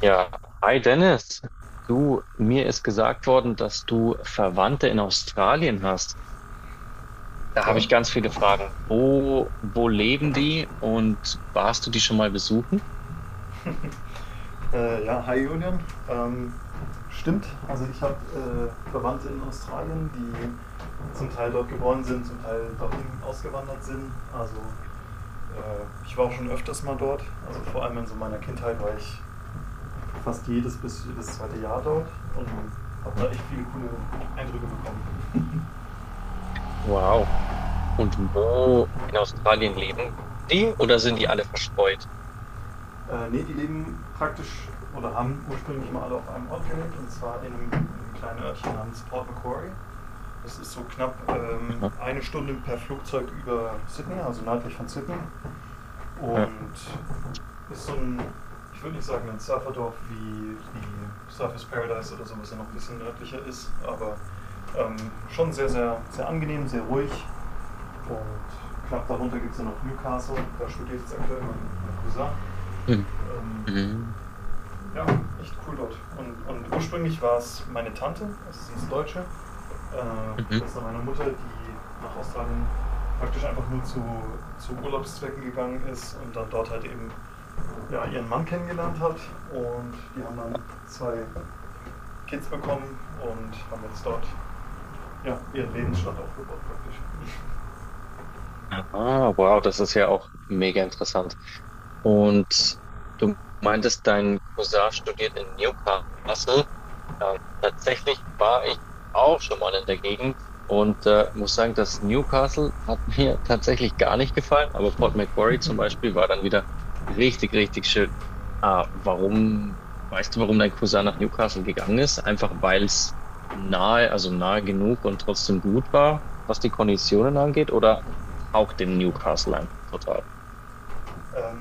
Ja, hi Dennis. Du, mir ist gesagt worden, dass du Verwandte in Australien hast. Da habe Ja. ich ganz viele Fragen. Wo leben die und warst du die schon mal besuchen? Ja, Hi Julian. Ähm, stimmt, also ich habe Verwandte in Australien, die zum Teil dort geboren sind, zum Teil dorthin ausgewandert sind. Also ich war auch schon öfters mal dort. Also vor allem in so meiner Kindheit war ich fast jedes bis jedes zweite Jahr dort und habe da echt viele coole Eindrücke bekommen. Wow. Und wo in Australien leben die oder sind die alle verstreut? Nee, die leben praktisch oder haben ursprünglich mal alle auf einem Ort gelebt, und zwar in einem kleinen Örtchen namens Port Macquarie. Es ist so knapp Aha. eine Stunde per Flugzeug über Sydney, also nördlich von Sydney. Ja. Und ist so ein, ich würde nicht sagen ein Surferdorf wie, wie Surfers Paradise oder so, was ja noch ein bisschen nördlicher ist, aber ähm, schon sehr, sehr, sehr angenehm, sehr ruhig. Und knapp darunter gibt es ja noch Newcastle, da studiert jetzt aktuell mein Cousin. Mhm. Ähm, Mhm. ja, echt cool dort. Und ursprünglich war es meine Tante, das ist eine Deutsche, Mhm. Schwester meiner Mutter, die nach Australien praktisch einfach nur zu Urlaubszwecken gegangen ist und dann dort halt eben ja, ihren Mann kennengelernt hat. Und die haben dann zwei Kids bekommen und haben jetzt dort ja, ihren Lebensstand aufgebaut praktisch. Ah, wow, das ist ja auch mega interessant. Und du meintest, dein Cousin studiert in Newcastle. Tatsächlich war ich auch schon mal in der Gegend und muss sagen, das Newcastle hat mir tatsächlich gar nicht gefallen, aber Port Macquarie zum Beispiel war dann wieder richtig, richtig schön. Ah, weißt du, warum dein Cousin nach Newcastle gegangen ist? Einfach weil es nahe, also nahe genug und trotzdem gut war, was die Konditionen angeht, oder? Taugt dem Newcastle einfach total. Ähm,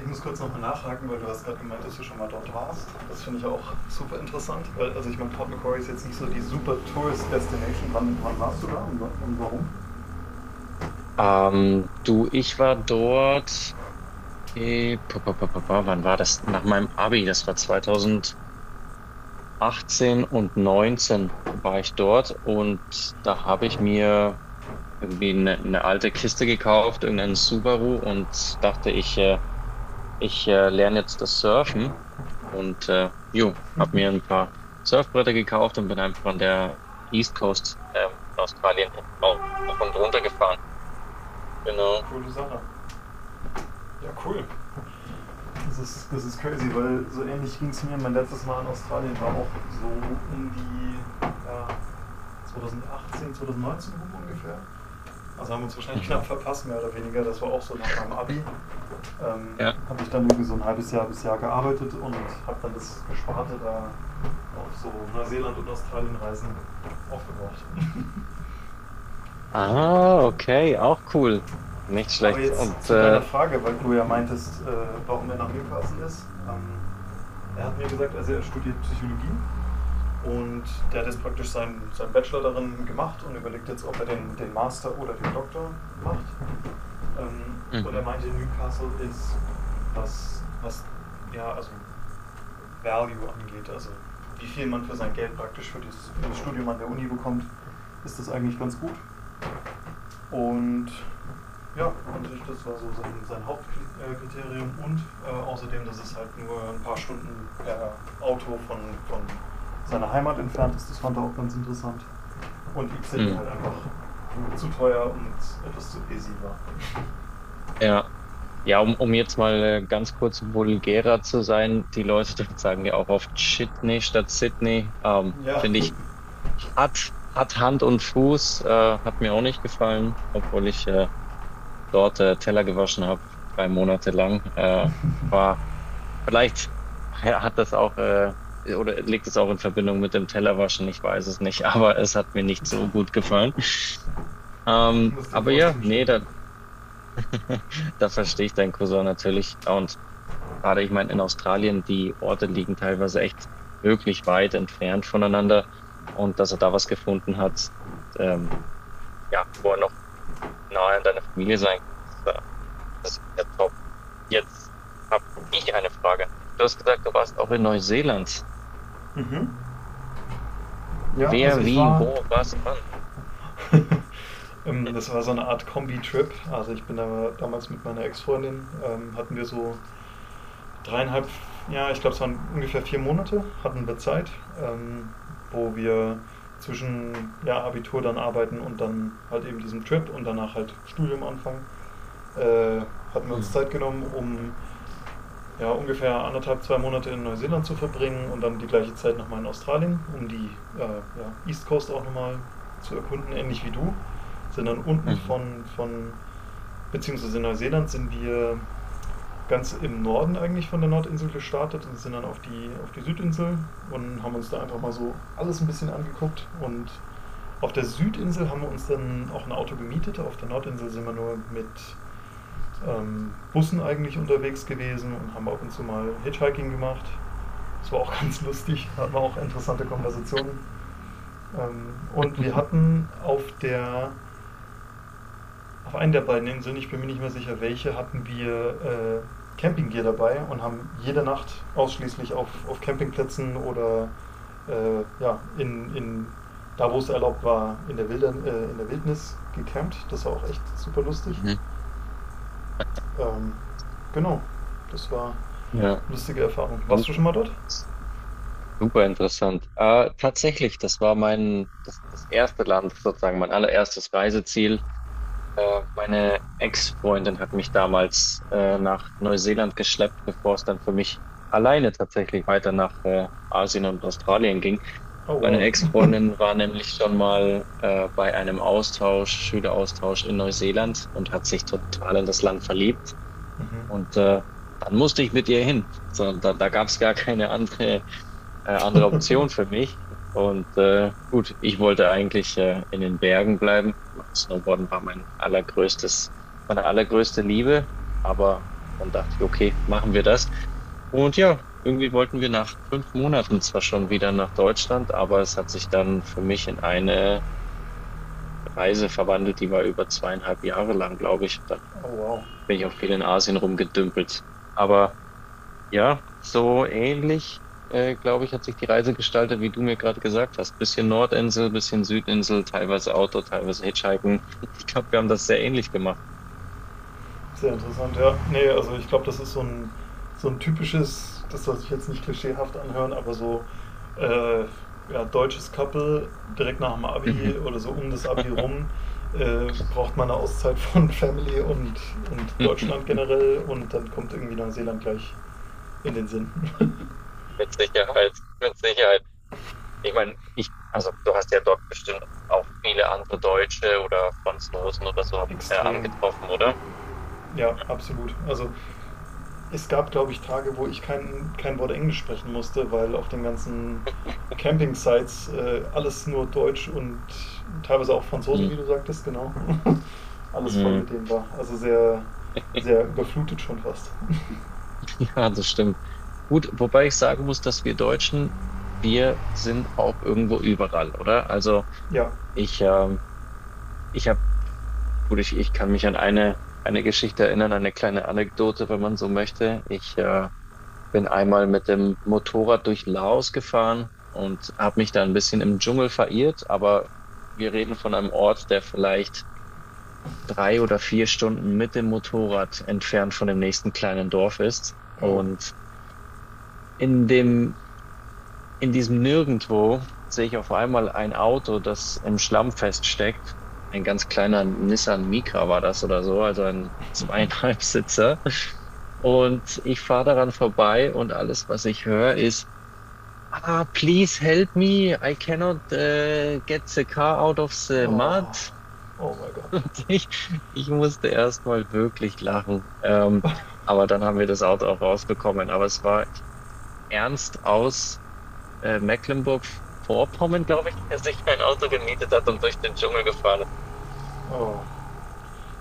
ich muss kurz nochmal nachhaken, weil du hast gerade gemeint, dass du schon mal dort warst. Das finde ich auch super interessant, weil, also ich meine, Port Macquarie ist jetzt nicht so die super Tourist Destination. Wann warst du da und warum? Du, ich war dort, wann war das? Nach meinem Abi, das war 2018 und 19 war ich dort und da habe ich mir irgendwie eine alte Kiste gekauft, irgendeinen Subaru und dachte, ich lerne jetzt das Surfen Ja, und jo, habe mir ein paar Surfbretter gekauft und bin einfach an der East Coast von Australien rauf und runter gefahren. Genau. coole Sache. Ja, cool. Das ist crazy, weil so ähnlich ging es mir. Mein letztes Mal in Australien war auch so um die ja, 2018, 2019 rum ungefähr. Also haben wir uns wahrscheinlich knapp Mhm. verpasst, mehr oder weniger. Das war auch so nach meinem Abi. Ähm, Ja. habe ich dann irgendwie so ein halbes Jahr bis Jahr gearbeitet und habe dann das Gesparte da auf so Neuseeland- und Australienreisen aufgebraucht. Ah, okay, auch cool. Nicht Aber schlecht. Und jetzt zu deiner Frage, weil du ja mhm. meintest, warum er nach Newcastle ist. Er hat mir gesagt, also er studiert Psychologie. Und der hat jetzt praktisch seinen Bachelor darin gemacht und überlegt jetzt, ob er den Master oder den Doktor macht. Und er Mhm. meinte, Newcastle ist, was, was ja, also Value angeht, also wie viel man für sein Geld praktisch für, dieses, für das Studium an der Uni bekommt, ist das eigentlich ganz gut. Und ja, und das war so sein Hauptkriterium. Und außerdem, dass es halt nur ein paar Stunden per Auto von seiner Heimat entfernt ist, das fand er auch ganz interessant. Und Deep Sydney Mhm. halt einfach zu teuer und etwas zu busy war. Ja. Ja, um jetzt mal ganz kurz vulgärer zu sein, die Leute dort sagen ja auch oft Shitney statt Sydney. Ähm, Ja, finde ich, hat Hand und Fuß, hat mir auch nicht gefallen, obwohl ich dort Teller gewaschen habe, 3 Monate lang. War Vielleicht hat das auch, oder liegt es auch in Verbindung mit dem Tellerwaschen, ich weiß es nicht, aber es hat mir nicht so gut gefallen. ich Ähm, muss dir aber voll ja, nee, zustimmen. Da verstehe ich deinen Cousin natürlich. Und gerade, ich meine, in Australien, die Orte liegen teilweise echt wirklich weit entfernt voneinander. Und dass er da was gefunden hat, ähm, ja, wo er noch nahe an deiner Familie sein kann, das ist ja top. Jetzt habe ich eine Frage an dich. Du hast gesagt, du warst auch in Neuseeland. Mhm. Ja, also Wer, ich wie, war. wo, was, wann. Das war so eine Art Kombi-Trip. Also ich bin da damals mit meiner Ex-Freundin, hatten wir so dreieinhalb, ja, ich glaube es waren ungefähr vier Monate, hatten wir Zeit, ähm, wo wir zwischen ja, Abitur, dann arbeiten und dann halt eben diesem Trip und danach halt Studium anfangen. Äh, hatten wir uns Mhm. Zeit genommen, um ja, ungefähr anderthalb, zwei Monate in Neuseeland zu verbringen und dann die gleiche Zeit nochmal in Australien, um die ja, East Coast auch nochmal zu erkunden, ähnlich wie du. Sind dann unten Mhm. Beziehungsweise in Neuseeland sind wir ganz im Norden eigentlich von der Nordinsel gestartet und sind dann auf auf die Südinsel und haben uns da einfach mal so alles ein bisschen angeguckt, und auf der Südinsel haben wir uns dann auch ein Auto gemietet, auf der Nordinsel sind wir nur mit Bussen eigentlich unterwegs gewesen und haben ab und zu mal Hitchhiking gemacht, das war auch ganz lustig, hatten wir auch interessante Konversationen. Und wir hatten auf der, auf einen der beiden Inseln, ich bin mir nicht mehr sicher welche, hatten wir Campinggear dabei und haben jede Nacht ausschließlich auf Campingplätzen oder ja, da wo es erlaubt war, in der, Wilder, in der Wildnis gecampt. Das war auch echt super lustig. Mhm. Ähm, genau, das war eine Ja, lustige Erfahrung. Warst du super, schon mal dort? super interessant. Tatsächlich, das war das erste Land, sozusagen mein allererstes Reiseziel. Meine Ex-Freundin hat mich damals nach Neuseeland geschleppt, bevor es dann für mich alleine tatsächlich weiter nach Asien und Australien ging. Oh Meine wow. Ex-Freundin war nämlich schon mal bei einem Austausch, Schüleraustausch in Neuseeland und hat sich total in das Land verliebt. Mhm. Und dann musste ich mit ihr hin. So, da gab es gar keine andere Option für mich. Und gut, ich wollte eigentlich in den Bergen bleiben. Snowboarden war mein allergrößtes, meine allergrößte Liebe. Aber dann dachte ich, okay, machen wir das. Und ja, irgendwie wollten wir nach 5 Monaten zwar schon wieder nach Deutschland, aber es hat sich dann für mich in eine Reise verwandelt, die war über 2,5 Jahre lang, glaube ich. Da Oh wow. bin ich auch viel in Asien rumgedümpelt. Aber ja, so ähnlich, glaube ich, hat sich die Reise gestaltet, wie du mir gerade gesagt hast. Bisschen Nordinsel, bisschen Südinsel, teilweise Auto, teilweise Hitchhiken. Ich glaube, wir haben das sehr ähnlich gemacht. Sehr interessant, ja. Nee, also ich glaube, das ist so ein typisches, das soll sich jetzt nicht klischeehaft anhören, aber so äh, ja, deutsches Couple direkt nach dem Mhm. Abi oder so um das Abi rum, braucht man eine Auszeit von Family und Deutschland generell, und dann kommt irgendwie Neuseeland gleich in den Sinn. Mit Sicherheit, mit Sicherheit. Ich meine, also du hast ja dort bestimmt auch viele andere Deutsche oder Franzosen oder so Extrem, angetroffen, oder? ja, absolut. Also es gab, glaube ich, Tage, wo ich kein Wort Englisch sprechen musste, weil auf den ganzen Camping-Sites alles nur Deutsch und teilweise auch Franzosen, wie du sagtest, genau. alles voll Mhm. mit denen war. Also sehr, sehr überflutet schon fast. Ja, das stimmt. Gut, wobei ich sagen muss, dass wir Deutschen, wir sind auch irgendwo überall, oder? Also ja. ich, ähm, Ich habe, gut, ich kann mich an eine Geschichte erinnern, eine kleine Anekdote, wenn man so möchte. Ich bin einmal mit dem Motorrad durch Laos gefahren und habe mich da ein bisschen im Dschungel verirrt, aber wir reden von einem Ort, der vielleicht 3 oder 4 Stunden mit dem Motorrad entfernt von dem nächsten kleinen Dorf ist. Oh. Und in dem In diesem Nirgendwo sehe ich auf einmal ein Auto, das im Schlamm feststeckt. Ein ganz kleiner Nissan Micra war das oder so, also ein zweieinhalb Sitzer. Und ich fahre daran vorbei und alles, was ich höre, ist: Ah, please help me. I cannot get the car out of the Oh. mud. Oh mein Gott. Und ich musste erst mal wirklich lachen. Aber dann haben wir das Auto auch rausbekommen. Aber es war ernst aus Mecklenburg-Vorpommern, glaube ich, der sich ein Auto gemietet hat und durch den Dschungel gefahren ist. Oh.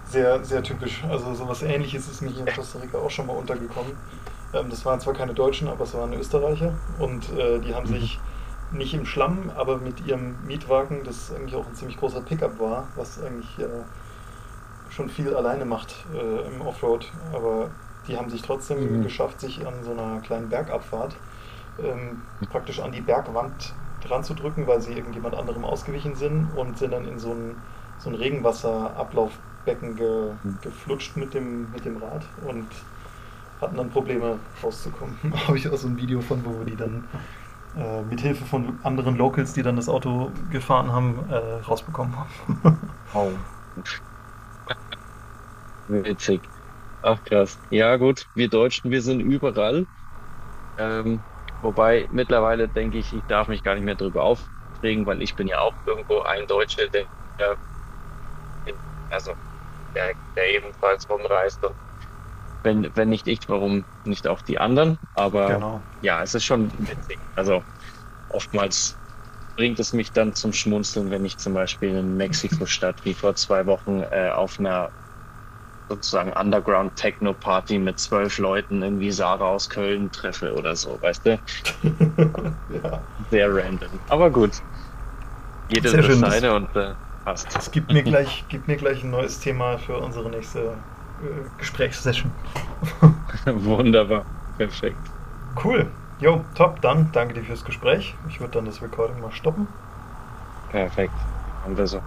Sehr, sehr typisch. Also so was ähnliches ist mir hier in Costa Rica auch schon mal untergekommen. Das waren zwar keine Deutschen, aber es waren Österreicher, und die haben sich nicht im Schlamm, aber mit ihrem Mietwagen, das eigentlich auch ein ziemlich großer Pickup war, was eigentlich schon viel alleine macht im Offroad, aber die haben sich trotzdem Mhm. geschafft, sich an so einer kleinen Bergabfahrt ähm, praktisch an die Bergwand dran zu drücken, weil sie irgendjemand anderem ausgewichen sind und sind dann in so ein Regenwasserablaufbecken ge-, Mhm. geflutscht mit mit dem Rad und hatten dann Probleme rauszukommen. Habe ich auch so ein Video von, wo wir die dann mit Hilfe von anderen Locals, die dann das Auto gefahren haben, rausbekommen haben. Wow, witzig. Ach krass. Ja gut, wir Deutschen, wir sind überall. Ähm, wobei mittlerweile denke ich, ich darf mich gar nicht mehr drüber aufregen, weil ich bin ja auch irgendwo ein Deutscher, der, der in, also der, der ebenfalls rumreist. Und wenn nicht ich, warum nicht auch die anderen? Aber Genau. ja, es ist schon witzig. Also oftmals bringt es mich dann zum Schmunzeln, wenn ich zum Beispiel in Mexiko-Stadt wie vor 2 Wochen auf einer sozusagen Underground-Techno-Party mit 12 Leuten irgendwie Sarah aus Köln treffe oder so, weißt du? ja. Sehr random. Aber gut, jede Sehr das schön. Seine und passt. Das gibt mir gleich ein neues Thema für unsere nächste Gesprächssession. Wunderbar. Perfekt. Cool. Jo, top, dann danke dir fürs Gespräch. Ich würde dann das Recording mal stoppen. Perfekt. Machen wir so.